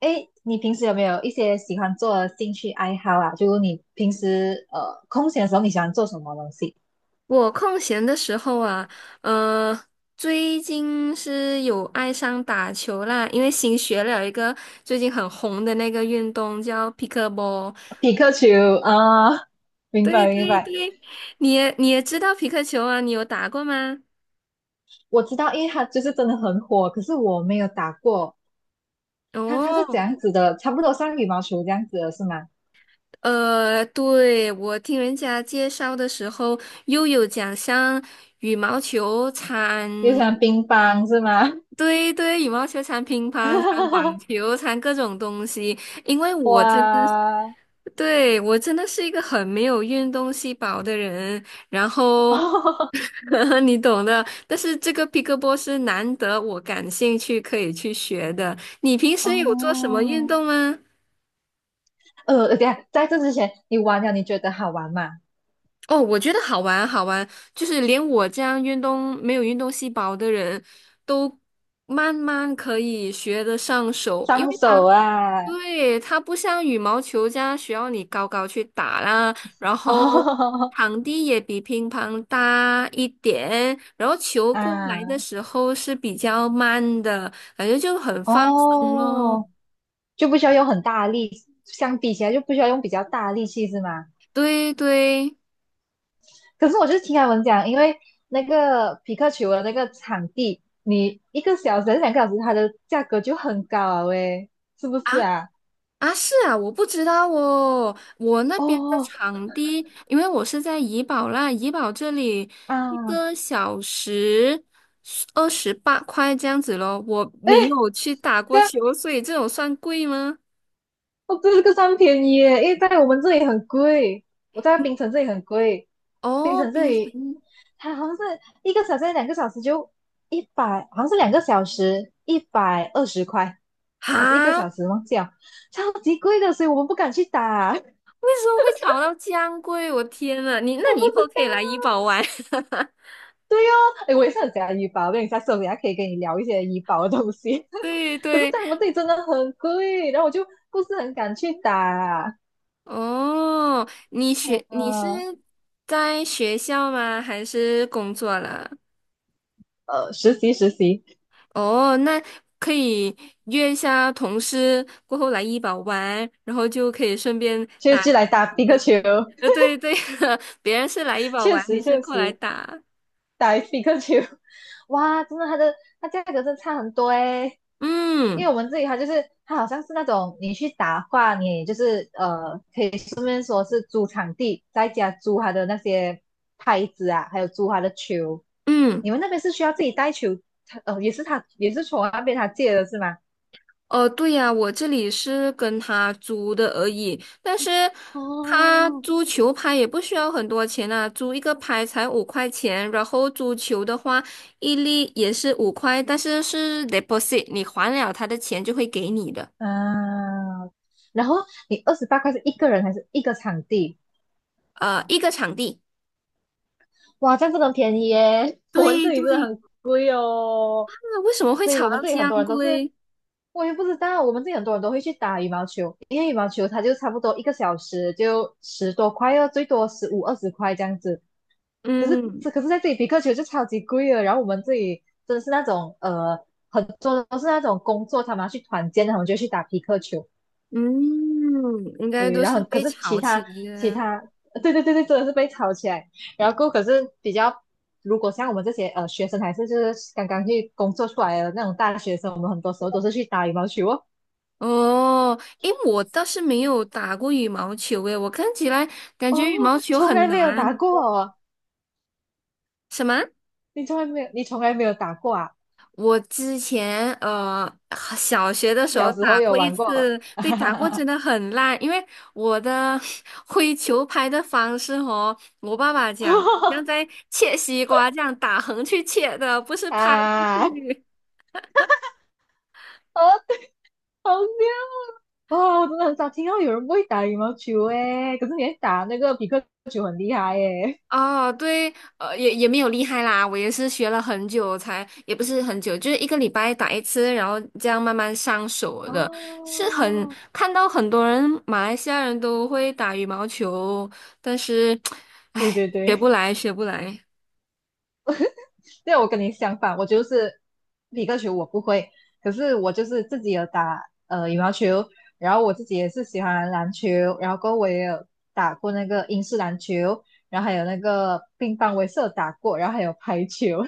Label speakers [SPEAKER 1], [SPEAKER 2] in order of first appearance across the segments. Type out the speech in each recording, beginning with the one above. [SPEAKER 1] 哎，你平时有没有一些喜欢做的兴趣爱好啊？就你平时空闲的时候，你喜欢做什么东西？
[SPEAKER 2] 我空闲的时候啊，呃，最近是有爱上打球啦，因为新学了一个最近很红的那个运动叫皮克波。
[SPEAKER 1] 皮克球啊，明
[SPEAKER 2] 对
[SPEAKER 1] 白明
[SPEAKER 2] 对
[SPEAKER 1] 白，
[SPEAKER 2] 对，你也知道皮克球啊，你有打过吗？
[SPEAKER 1] 我知道，因为它就是真的很火，可是我没有打过。它是怎
[SPEAKER 2] 哦，
[SPEAKER 1] 样子的？差不多像羽毛球这样子的是吗？
[SPEAKER 2] 对，我听人家介绍的时候，又有讲像羽毛球掺，
[SPEAKER 1] 又像乒乓是吗？
[SPEAKER 2] 对对，羽毛球掺乒乓、掺网 球、掺各种东西。因为
[SPEAKER 1] 哇，
[SPEAKER 2] 我真 对，我真的是一个很没有运动细胞的人，然后
[SPEAKER 1] 哦
[SPEAKER 2] 你懂的。但是这个 p 克波是难得我感兴趣可以去学的。你平时有做什么运
[SPEAKER 1] 哦
[SPEAKER 2] 动吗？
[SPEAKER 1] 等一下，在这之前你玩了，你觉得好玩吗？
[SPEAKER 2] 哦，我觉得好玩好玩，就是连我这样运动没有运动细胞的人都慢慢可以学得上手，因
[SPEAKER 1] 双
[SPEAKER 2] 为
[SPEAKER 1] 手
[SPEAKER 2] 它。
[SPEAKER 1] 啊，
[SPEAKER 2] 对，它不像羽毛球这样需要你高高去打啦，然 后
[SPEAKER 1] 哦
[SPEAKER 2] 场地也比乒乓大一点，然后球过来的
[SPEAKER 1] 啊。
[SPEAKER 2] 时候是比较慢的，感觉就很放松咯。
[SPEAKER 1] 哦，就不需要用很大的力，相比起来就不需要用比较大的力气是吗？
[SPEAKER 2] 对对
[SPEAKER 1] 可是我就是听他们讲，因为那个匹克球的那个场地，你一个小时还是两个小时，它的价格就很高啊，喂，是不是
[SPEAKER 2] 啊，
[SPEAKER 1] 啊？
[SPEAKER 2] 啊，是啊，我不知道哦。我那边的
[SPEAKER 1] 哦
[SPEAKER 2] 场地，因为我是在怡保啦，怡保这里一
[SPEAKER 1] 啊，
[SPEAKER 2] 个小时28块这样子咯。我没
[SPEAKER 1] 哎，
[SPEAKER 2] 有去打
[SPEAKER 1] 这
[SPEAKER 2] 过
[SPEAKER 1] 样
[SPEAKER 2] 球，所以这种算贵吗？
[SPEAKER 1] 哦，对，这个算便宜耶，因为在我们这里很贵，我在槟城这里很贵，槟
[SPEAKER 2] 哦，
[SPEAKER 1] 城这
[SPEAKER 2] 冰
[SPEAKER 1] 里
[SPEAKER 2] 城
[SPEAKER 1] 它好像是一个小时、两个小时就一百，好像是两个小时120块，还是一个
[SPEAKER 2] 哈，为
[SPEAKER 1] 小时忘记了，超级贵的，所以我们不敢去打，我不
[SPEAKER 2] 什么会炒到这样贵？我天呐，你那你以
[SPEAKER 1] 知
[SPEAKER 2] 后可以来怡
[SPEAKER 1] 道。
[SPEAKER 2] 保玩。
[SPEAKER 1] 对哦，哎，我也是很喜欢医保，我跟你下次我等下可以跟你聊一些医保的东西，
[SPEAKER 2] 对
[SPEAKER 1] 可是
[SPEAKER 2] 对，
[SPEAKER 1] 在我们这里真的很贵，然后我就不是很敢去打，
[SPEAKER 2] 哦，你是
[SPEAKER 1] 呃，
[SPEAKER 2] 在学校吗？还是工作了？
[SPEAKER 1] 实习实习。
[SPEAKER 2] 哦，那可以约一下同事过后来医保玩，然后就可以顺便
[SPEAKER 1] 就
[SPEAKER 2] 打。
[SPEAKER 1] 就来打皮克球，
[SPEAKER 2] 对对，别人是来医保
[SPEAKER 1] 确
[SPEAKER 2] 玩，你
[SPEAKER 1] 实
[SPEAKER 2] 是
[SPEAKER 1] 确
[SPEAKER 2] 过来
[SPEAKER 1] 实
[SPEAKER 2] 打。
[SPEAKER 1] 打皮克球，哇，真的它的它价格真的差很多诶，因为
[SPEAKER 2] 嗯
[SPEAKER 1] 我们这里它就是它好像是那种你去打话，你也就是可以顺便说是租场地，在家租它的那些拍子啊，还有租它的球。
[SPEAKER 2] 嗯，
[SPEAKER 1] 你们那边是需要自己带球，他也是他也是从那边他借的是吗？
[SPEAKER 2] 哦，对呀，我这里是跟他租的而已，但是他
[SPEAKER 1] 哦，
[SPEAKER 2] 租球拍也不需要很多钱啊，租一个拍才5块钱，然后租球的话一粒也是五块，但是是 deposit，你还了他的钱就会给你的，
[SPEAKER 1] 啊，然后你28块是一个人还是一个场地？
[SPEAKER 2] 一个场地。
[SPEAKER 1] 哇，这样真的很便宜耶！我们
[SPEAKER 2] 对
[SPEAKER 1] 这里真的
[SPEAKER 2] 对，
[SPEAKER 1] 很贵哦，
[SPEAKER 2] 啊，为什么会
[SPEAKER 1] 所以
[SPEAKER 2] 炒
[SPEAKER 1] 我们
[SPEAKER 2] 到
[SPEAKER 1] 这里很
[SPEAKER 2] 江
[SPEAKER 1] 多人都是，
[SPEAKER 2] 龟？
[SPEAKER 1] 我也不知道，我们这里很多人都会去打羽毛球，因为羽毛球它就差不多一个小时就十多块哦，最多15-20块这样子。可是
[SPEAKER 2] 嗯
[SPEAKER 1] 这可是在这里皮克球就超级贵了，然后我们这里真的是那种很多都是那种工作，他们要去团建，他们就去打皮克球。
[SPEAKER 2] 嗯，应该
[SPEAKER 1] 对，
[SPEAKER 2] 都
[SPEAKER 1] 然
[SPEAKER 2] 是
[SPEAKER 1] 后可
[SPEAKER 2] 被
[SPEAKER 1] 是其
[SPEAKER 2] 炒起
[SPEAKER 1] 他
[SPEAKER 2] 来
[SPEAKER 1] 其
[SPEAKER 2] 的。
[SPEAKER 1] 他，对对对对，真的是被炒起来。然后过后可是比较，如果像我们这些学生，还是就是刚刚去工作出来的那种大学生，我们很多时候都是去打羽毛球哦。
[SPEAKER 2] 哦，诶，我倒是没有打过羽毛球，诶，我看起来感觉羽
[SPEAKER 1] 哦，
[SPEAKER 2] 毛球
[SPEAKER 1] 从
[SPEAKER 2] 很
[SPEAKER 1] 来没有打
[SPEAKER 2] 难。
[SPEAKER 1] 过哦，
[SPEAKER 2] 什么？
[SPEAKER 1] 你从来没有，你从来没有打过啊？
[SPEAKER 2] 我之前小学的时
[SPEAKER 1] 小
[SPEAKER 2] 候
[SPEAKER 1] 时候
[SPEAKER 2] 打
[SPEAKER 1] 有
[SPEAKER 2] 过一
[SPEAKER 1] 玩过，
[SPEAKER 2] 次，对，打过真的很烂，因为我的 挥球拍的方式哦，我爸爸讲，好像在切西瓜这样打横去切的，不是拍过
[SPEAKER 1] 啊，好
[SPEAKER 2] 去。
[SPEAKER 1] 好笑哇！我真的很少听到有人不会打羽毛球诶，可是你会打那个匹克球很厉害诶。
[SPEAKER 2] 啊，对，也没有厉害啦，我也是学了很久才，也不是很久，就是一个礼拜打一次，然后这样慢慢上手的，是很
[SPEAKER 1] 哦，
[SPEAKER 2] 看到很多人马来西亚人都会打羽毛球，但是，
[SPEAKER 1] 对
[SPEAKER 2] 唉，
[SPEAKER 1] 对
[SPEAKER 2] 学不
[SPEAKER 1] 对，
[SPEAKER 2] 来，学不来。
[SPEAKER 1] 对我跟你相反，我就是皮克球我不会，可是我就是自己有打羽毛球，然后我自己也是喜欢篮球，然后过后我也有打过那个英式篮球，然后还有那个乒乓，我也是有打过，然后还有排球，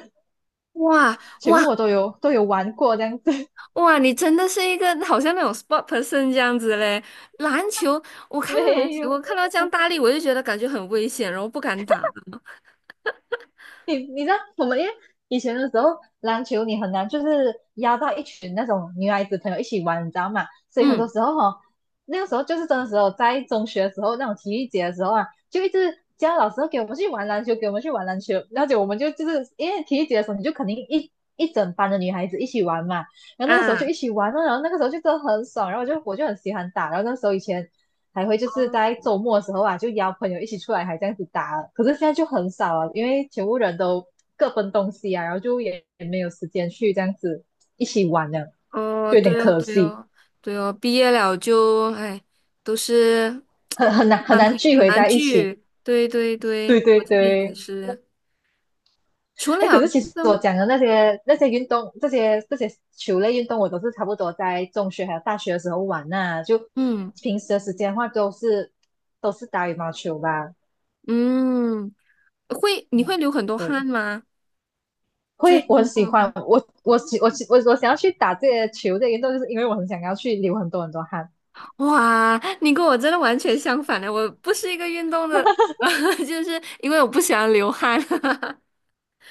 [SPEAKER 2] 哇
[SPEAKER 1] 全
[SPEAKER 2] 哇
[SPEAKER 1] 部我都有玩过这样子。
[SPEAKER 2] 哇！你真的是一个好像那种 sport person 这样子嘞。篮球，我看到篮
[SPEAKER 1] 没
[SPEAKER 2] 球，
[SPEAKER 1] 有，
[SPEAKER 2] 我看到这样大力，我就觉得感觉很危险，然后不敢打。
[SPEAKER 1] 你知道我们因为以前的时候篮球你很难就是邀到一群那种女孩子朋友一起玩，你知道吗？所以很多
[SPEAKER 2] 嗯
[SPEAKER 1] 时候哦，那个时候就是真的时候，在中学的时候那种体育节的时候啊，就一直叫老师哦给我们去玩篮球，给我们去玩篮球，而且我们就就是因为体育节的时候，你就肯定一整班的女孩子一起玩嘛，然后那个时候就一
[SPEAKER 2] 啊。
[SPEAKER 1] 起玩了，然后那个时候就真的很爽，然后我就很喜欢打，然后那时候以前还会就是
[SPEAKER 2] 哦
[SPEAKER 1] 在周末的时候啊，就邀朋友一起出来，还这样子打可是现在就很少了，因为全部人都各奔东西啊，然后就也没有时间去这样子一起玩了，
[SPEAKER 2] 哦，
[SPEAKER 1] 就有点
[SPEAKER 2] 对哦，
[SPEAKER 1] 可
[SPEAKER 2] 对
[SPEAKER 1] 惜，
[SPEAKER 2] 哦，对哦，毕业了就，哎，都是
[SPEAKER 1] 很难很
[SPEAKER 2] 男
[SPEAKER 1] 难
[SPEAKER 2] 朋友
[SPEAKER 1] 聚
[SPEAKER 2] 很
[SPEAKER 1] 回
[SPEAKER 2] 难
[SPEAKER 1] 在一起。
[SPEAKER 2] 聚。对对
[SPEAKER 1] 对
[SPEAKER 2] 对，
[SPEAKER 1] 对
[SPEAKER 2] 我这里也
[SPEAKER 1] 对，
[SPEAKER 2] 是。除
[SPEAKER 1] 哎，可
[SPEAKER 2] 了
[SPEAKER 1] 是其
[SPEAKER 2] 运
[SPEAKER 1] 实我
[SPEAKER 2] 动，
[SPEAKER 1] 讲的那些那些运动，这些这些球类运动，我都是差不多在中学还有大学的时候玩呐、就
[SPEAKER 2] 嗯
[SPEAKER 1] 平时的时间的话，都是都是打羽毛球吧。
[SPEAKER 2] 嗯，会你
[SPEAKER 1] 嗯，
[SPEAKER 2] 会流很多
[SPEAKER 1] 对，
[SPEAKER 2] 汗吗？
[SPEAKER 1] 会，我很
[SPEAKER 2] 运动
[SPEAKER 1] 喜
[SPEAKER 2] 的
[SPEAKER 1] 欢，
[SPEAKER 2] 话
[SPEAKER 1] 我我喜我喜我我想要去打这些球这原运动，就是因为我很想要去流很多很多汗。
[SPEAKER 2] 哇，你跟我真的完全相反的，我不是一个运动的，就是因为我不喜欢流汗。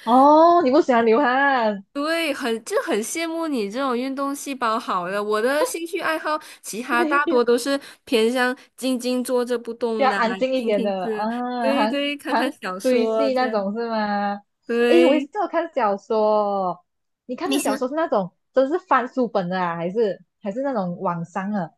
[SPEAKER 1] 哦，你不喜欢流汗？
[SPEAKER 2] 对，很，就很羡慕你这种运动细胞好的。我的兴趣爱好，其 他
[SPEAKER 1] 没
[SPEAKER 2] 大
[SPEAKER 1] 有，
[SPEAKER 2] 多都是偏向静静坐着不
[SPEAKER 1] 比
[SPEAKER 2] 动
[SPEAKER 1] 较
[SPEAKER 2] 的啊
[SPEAKER 1] 安静一
[SPEAKER 2] 听
[SPEAKER 1] 点
[SPEAKER 2] 听
[SPEAKER 1] 的
[SPEAKER 2] 歌，
[SPEAKER 1] 啊，
[SPEAKER 2] 对
[SPEAKER 1] 韩
[SPEAKER 2] 对，看看
[SPEAKER 1] 韩
[SPEAKER 2] 小
[SPEAKER 1] 追
[SPEAKER 2] 说
[SPEAKER 1] 戏
[SPEAKER 2] 这
[SPEAKER 1] 那
[SPEAKER 2] 样。
[SPEAKER 1] 种是吗？诶，我也是
[SPEAKER 2] 对，
[SPEAKER 1] 有看小说，你看
[SPEAKER 2] 明
[SPEAKER 1] 的小
[SPEAKER 2] 星
[SPEAKER 1] 说是那种真是翻书本的啊，还是还是那种网上的？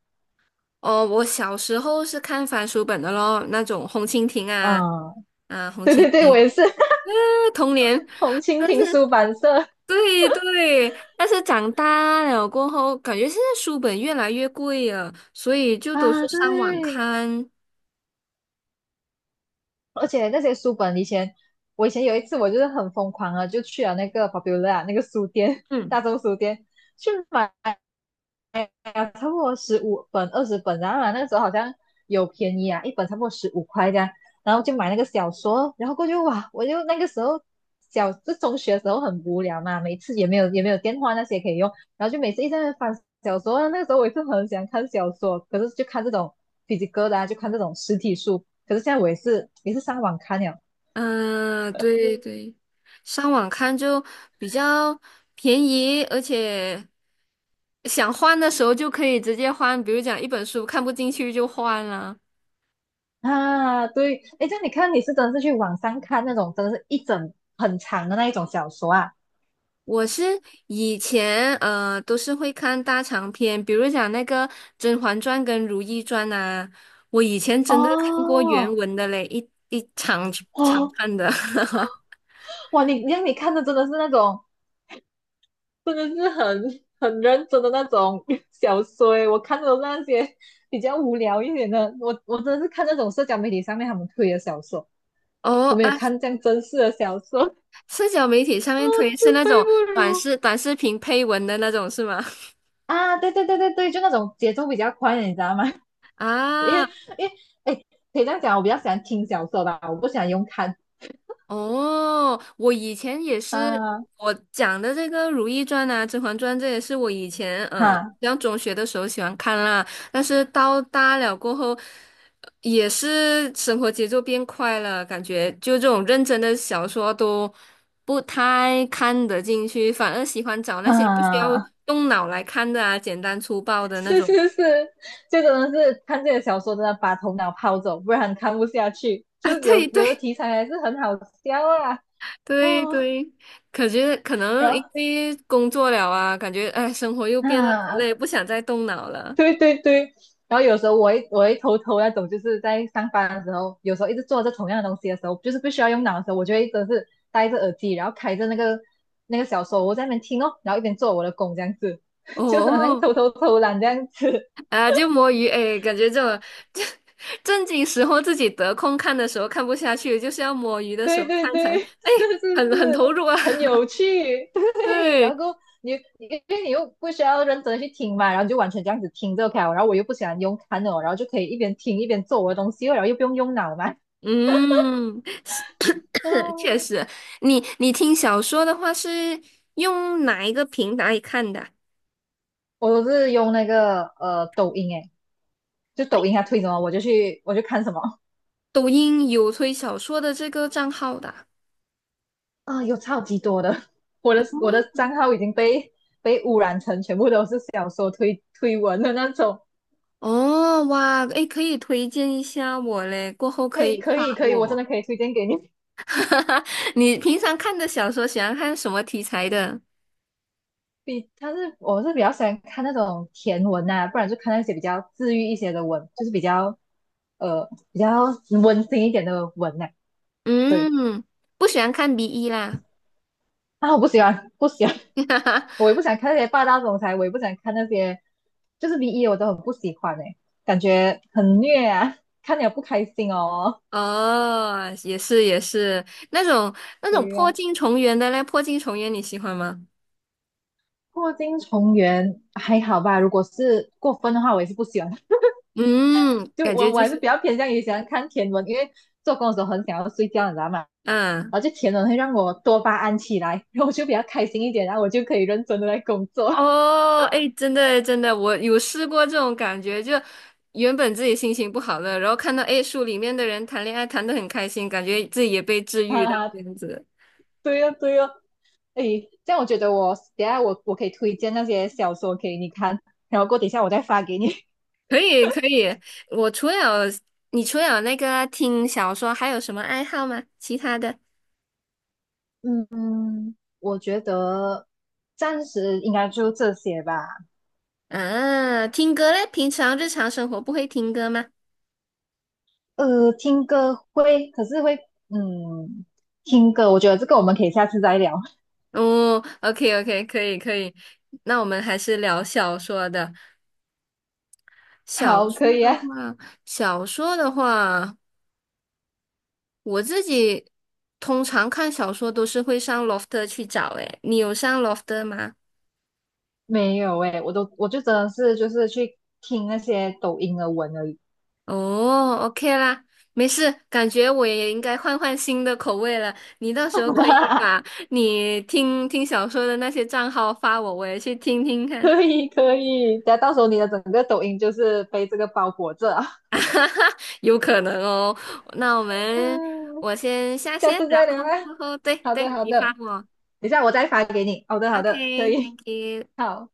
[SPEAKER 2] 哦，我小时候是看翻书本的咯，那种红蜻蜓啊，
[SPEAKER 1] 啊，
[SPEAKER 2] 啊，红
[SPEAKER 1] 对
[SPEAKER 2] 蜻
[SPEAKER 1] 对对，我
[SPEAKER 2] 蜓，
[SPEAKER 1] 也是
[SPEAKER 2] 童年，
[SPEAKER 1] 红蜻
[SPEAKER 2] 但
[SPEAKER 1] 蜓
[SPEAKER 2] 是。
[SPEAKER 1] 出版社
[SPEAKER 2] 对对，但是长大了过后，感觉现在书本越来越贵了，所以就都是
[SPEAKER 1] 啊，
[SPEAKER 2] 上网
[SPEAKER 1] 对。
[SPEAKER 2] 看。
[SPEAKER 1] 而且那些书本以前，我以前有一次我就是很疯狂啊，就去了那个 Popular 那个书店，
[SPEAKER 2] 嗯。
[SPEAKER 1] 大众书店去买了差不多15本、20本，然后啊那个时候好像有便宜啊，一本差不多15块这样，然后就买那个小说，然后过去哇，我就那个时候小就中学的时候很无聊嘛，每次也没有也没有电话那些可以用，然后就每次一直在那边翻小说啊那个时候我也是很喜欢看小说，可是就看这种 p h y c a 的啊，就看这种实体书，可是现在我也是也是上网看了。
[SPEAKER 2] 嗯，对对，上网看就比较便宜，而且想换的时候就可以直接换，比如讲一本书看不进去就换了。
[SPEAKER 1] 啊，对，哎，这样你看，你是真的是去网上看那种，真的是一整很长的那一种小说啊？
[SPEAKER 2] 我是以前都是会看大长篇，比如讲那个《甄嬛传》跟《如懿传》呐，我以前真的看过原
[SPEAKER 1] 哦，
[SPEAKER 2] 文的嘞，一长长
[SPEAKER 1] 哇
[SPEAKER 2] 看的。
[SPEAKER 1] 哇，你让你看的真的是那种，真的是很认真的那种 小说诶，我看的都是那些比较无聊一点的，我真的是看那种社交媒体上面他们推的小说，
[SPEAKER 2] 哦
[SPEAKER 1] 我没
[SPEAKER 2] 啊，
[SPEAKER 1] 有看这样真实的小说，
[SPEAKER 2] 社交媒体上面推是
[SPEAKER 1] 自
[SPEAKER 2] 那
[SPEAKER 1] 愧
[SPEAKER 2] 种
[SPEAKER 1] 不
[SPEAKER 2] 短
[SPEAKER 1] 如。
[SPEAKER 2] 视短视频配文的那种是吗？
[SPEAKER 1] 啊，对对对对对，就那种节奏比较快的，你知道吗？因为
[SPEAKER 2] 啊，
[SPEAKER 1] 因为哎，可以这样讲，我比较喜欢听小说吧，我不喜欢用看
[SPEAKER 2] 哦，我以前也是，
[SPEAKER 1] 啊
[SPEAKER 2] 我讲的这个《如懿传》啊，《甄嬛传》，这也是我以前嗯，
[SPEAKER 1] 哈
[SPEAKER 2] 上中学的时候喜欢看啦。但是到大了过后，也是生活节奏变快了，感觉就这种认真的小说都不太看得进去，反而喜欢找那些不需要
[SPEAKER 1] 啊，
[SPEAKER 2] 动脑来看的啊，简单粗暴 的那
[SPEAKER 1] 是
[SPEAKER 2] 种
[SPEAKER 1] 是是，就真的是看这个小说真的把头脑抛走，不然看不下去。
[SPEAKER 2] 啊。
[SPEAKER 1] 就有
[SPEAKER 2] 对
[SPEAKER 1] 有的
[SPEAKER 2] 对，
[SPEAKER 1] 题材还是很好笑啊
[SPEAKER 2] 对
[SPEAKER 1] 哦，
[SPEAKER 2] 对，感觉可
[SPEAKER 1] 然
[SPEAKER 2] 能
[SPEAKER 1] 后
[SPEAKER 2] 因为工作了啊，感觉哎，生活又变得很
[SPEAKER 1] 啊
[SPEAKER 2] 累，不想再动脑 了。
[SPEAKER 1] 对对对，然后有时候我会偷偷那种，就是在上班的时候，有时候一直做着同样的东西的时候，就是不需要用脑的时候，我就会真的是戴着耳机，然后开着那个小说，我在那边听哦，然后一边做我的工这样子，就好能
[SPEAKER 2] 哦，
[SPEAKER 1] 偷偷偷懒这样子。
[SPEAKER 2] 啊，就摸鱼，哎，感觉这种 正经时候自己得空看的时候看不下去，就是要摸鱼的时
[SPEAKER 1] 对
[SPEAKER 2] 候
[SPEAKER 1] 对
[SPEAKER 2] 看才，
[SPEAKER 1] 对，
[SPEAKER 2] 哎，
[SPEAKER 1] 是是
[SPEAKER 2] 很
[SPEAKER 1] 是，
[SPEAKER 2] 投入啊。
[SPEAKER 1] 很 有趣。对，然
[SPEAKER 2] 对，
[SPEAKER 1] 后你因为你又不需要认真地去听嘛，然后你就完全这样子听着 OK 了然后我又不喜欢用看的哦，然后就可以一边听一边做我的东西哦，然后又不用用脑嘛。
[SPEAKER 2] 嗯，是，
[SPEAKER 1] 嗯，
[SPEAKER 2] 确实，你听小说的话是用哪一个平台看的啊
[SPEAKER 1] 我都是用那个抖音诶，就抖音它推什么我就看什么
[SPEAKER 2] 抖音有推小说的这个账号的啊
[SPEAKER 1] 啊、有超级多的，我的账号已经被污染成全部都是小说推文的那种。
[SPEAKER 2] 哦，哇，诶，可以推荐一下我嘞，过后可
[SPEAKER 1] 嘿
[SPEAKER 2] 以
[SPEAKER 1] 可
[SPEAKER 2] 发
[SPEAKER 1] 以可以，我真
[SPEAKER 2] 我。
[SPEAKER 1] 的可以推荐给你。
[SPEAKER 2] 你平常看的小说喜欢看什么题材的？
[SPEAKER 1] 比他是我是比较喜欢看那种甜文呐、不然就看那些比较治愈一些的文，就是比较比较温馨一点的文呐、对
[SPEAKER 2] 嗯，不喜欢看 BE 啦。
[SPEAKER 1] 啊，我不喜欢不喜欢。我也 不想看那些霸道总裁，我也不想看那些，就是 BE 我都很不喜欢哎、感觉很虐啊，看了不开心哦。
[SPEAKER 2] 哦，也是也是，那种那种
[SPEAKER 1] 对
[SPEAKER 2] 破
[SPEAKER 1] 呀、
[SPEAKER 2] 镜重圆的嘞，破镜重圆你喜欢吗？
[SPEAKER 1] 破镜重圆还好吧，如果是过分的话，我也是不喜欢。
[SPEAKER 2] 嗯，
[SPEAKER 1] 就
[SPEAKER 2] 感
[SPEAKER 1] 我
[SPEAKER 2] 觉
[SPEAKER 1] 我
[SPEAKER 2] 就
[SPEAKER 1] 还是
[SPEAKER 2] 是，
[SPEAKER 1] 比较偏向于喜欢看甜文，因为做工的时候很想要睡觉，你知道吗？
[SPEAKER 2] 嗯。
[SPEAKER 1] 然后就甜文会让我多巴胺起来，然后我就比较开心一点，然后我就可以认真的来工作。
[SPEAKER 2] 哦，哎，真的真的，我有试过这种感觉，就原本自己心情不好了，然后看到哎书里面的人谈恋爱谈得很开心，感觉自己也被治 愈
[SPEAKER 1] 哈
[SPEAKER 2] 到这
[SPEAKER 1] 哈，
[SPEAKER 2] 样子。
[SPEAKER 1] 对哦对哦，诶，这样我觉得我等下我我可以推荐那些小说给你看，然后等一下我再发给你。
[SPEAKER 2] 可以可以，我除了你除了那个听小说，还有什么爱好吗？其他的
[SPEAKER 1] 嗯，我觉得暂时应该就这些吧。
[SPEAKER 2] 啊，听歌嘞？平常日常生活不会听歌吗？
[SPEAKER 1] 呃，听歌会，可是会，嗯，听歌，我觉得这个我们可以下次再聊。
[SPEAKER 2] 哦，OK OK，可以可以，那我们还是聊小说的。小
[SPEAKER 1] 好，可
[SPEAKER 2] 说
[SPEAKER 1] 以
[SPEAKER 2] 的
[SPEAKER 1] 啊。
[SPEAKER 2] 话，小说的话。我自己通常看小说都是会上 Lofter 去找，诶，你有上 Lofter 吗？
[SPEAKER 1] 没有诶，我就真的是就是去听那些抖音的文而已。
[SPEAKER 2] 哦，OK 啦，没事，感觉我也应该换换新的口味了。你到时候可以把 你听听小说的那些账号发我，我也去听听看，
[SPEAKER 1] 可以可以，等下到时候你的整个抖音就是被这个包裹着啊。
[SPEAKER 2] 有可能哦。那我 们
[SPEAKER 1] 嗯，
[SPEAKER 2] 我先下
[SPEAKER 1] 下
[SPEAKER 2] 线，
[SPEAKER 1] 次
[SPEAKER 2] 然
[SPEAKER 1] 再聊
[SPEAKER 2] 后过
[SPEAKER 1] 啊。
[SPEAKER 2] 后对
[SPEAKER 1] 好的，
[SPEAKER 2] 对，
[SPEAKER 1] 好
[SPEAKER 2] 你
[SPEAKER 1] 的，
[SPEAKER 2] 发
[SPEAKER 1] 等
[SPEAKER 2] 我
[SPEAKER 1] 一下我再发给你。好的，好的，可以，
[SPEAKER 2] ，OK，Thank you。
[SPEAKER 1] 好。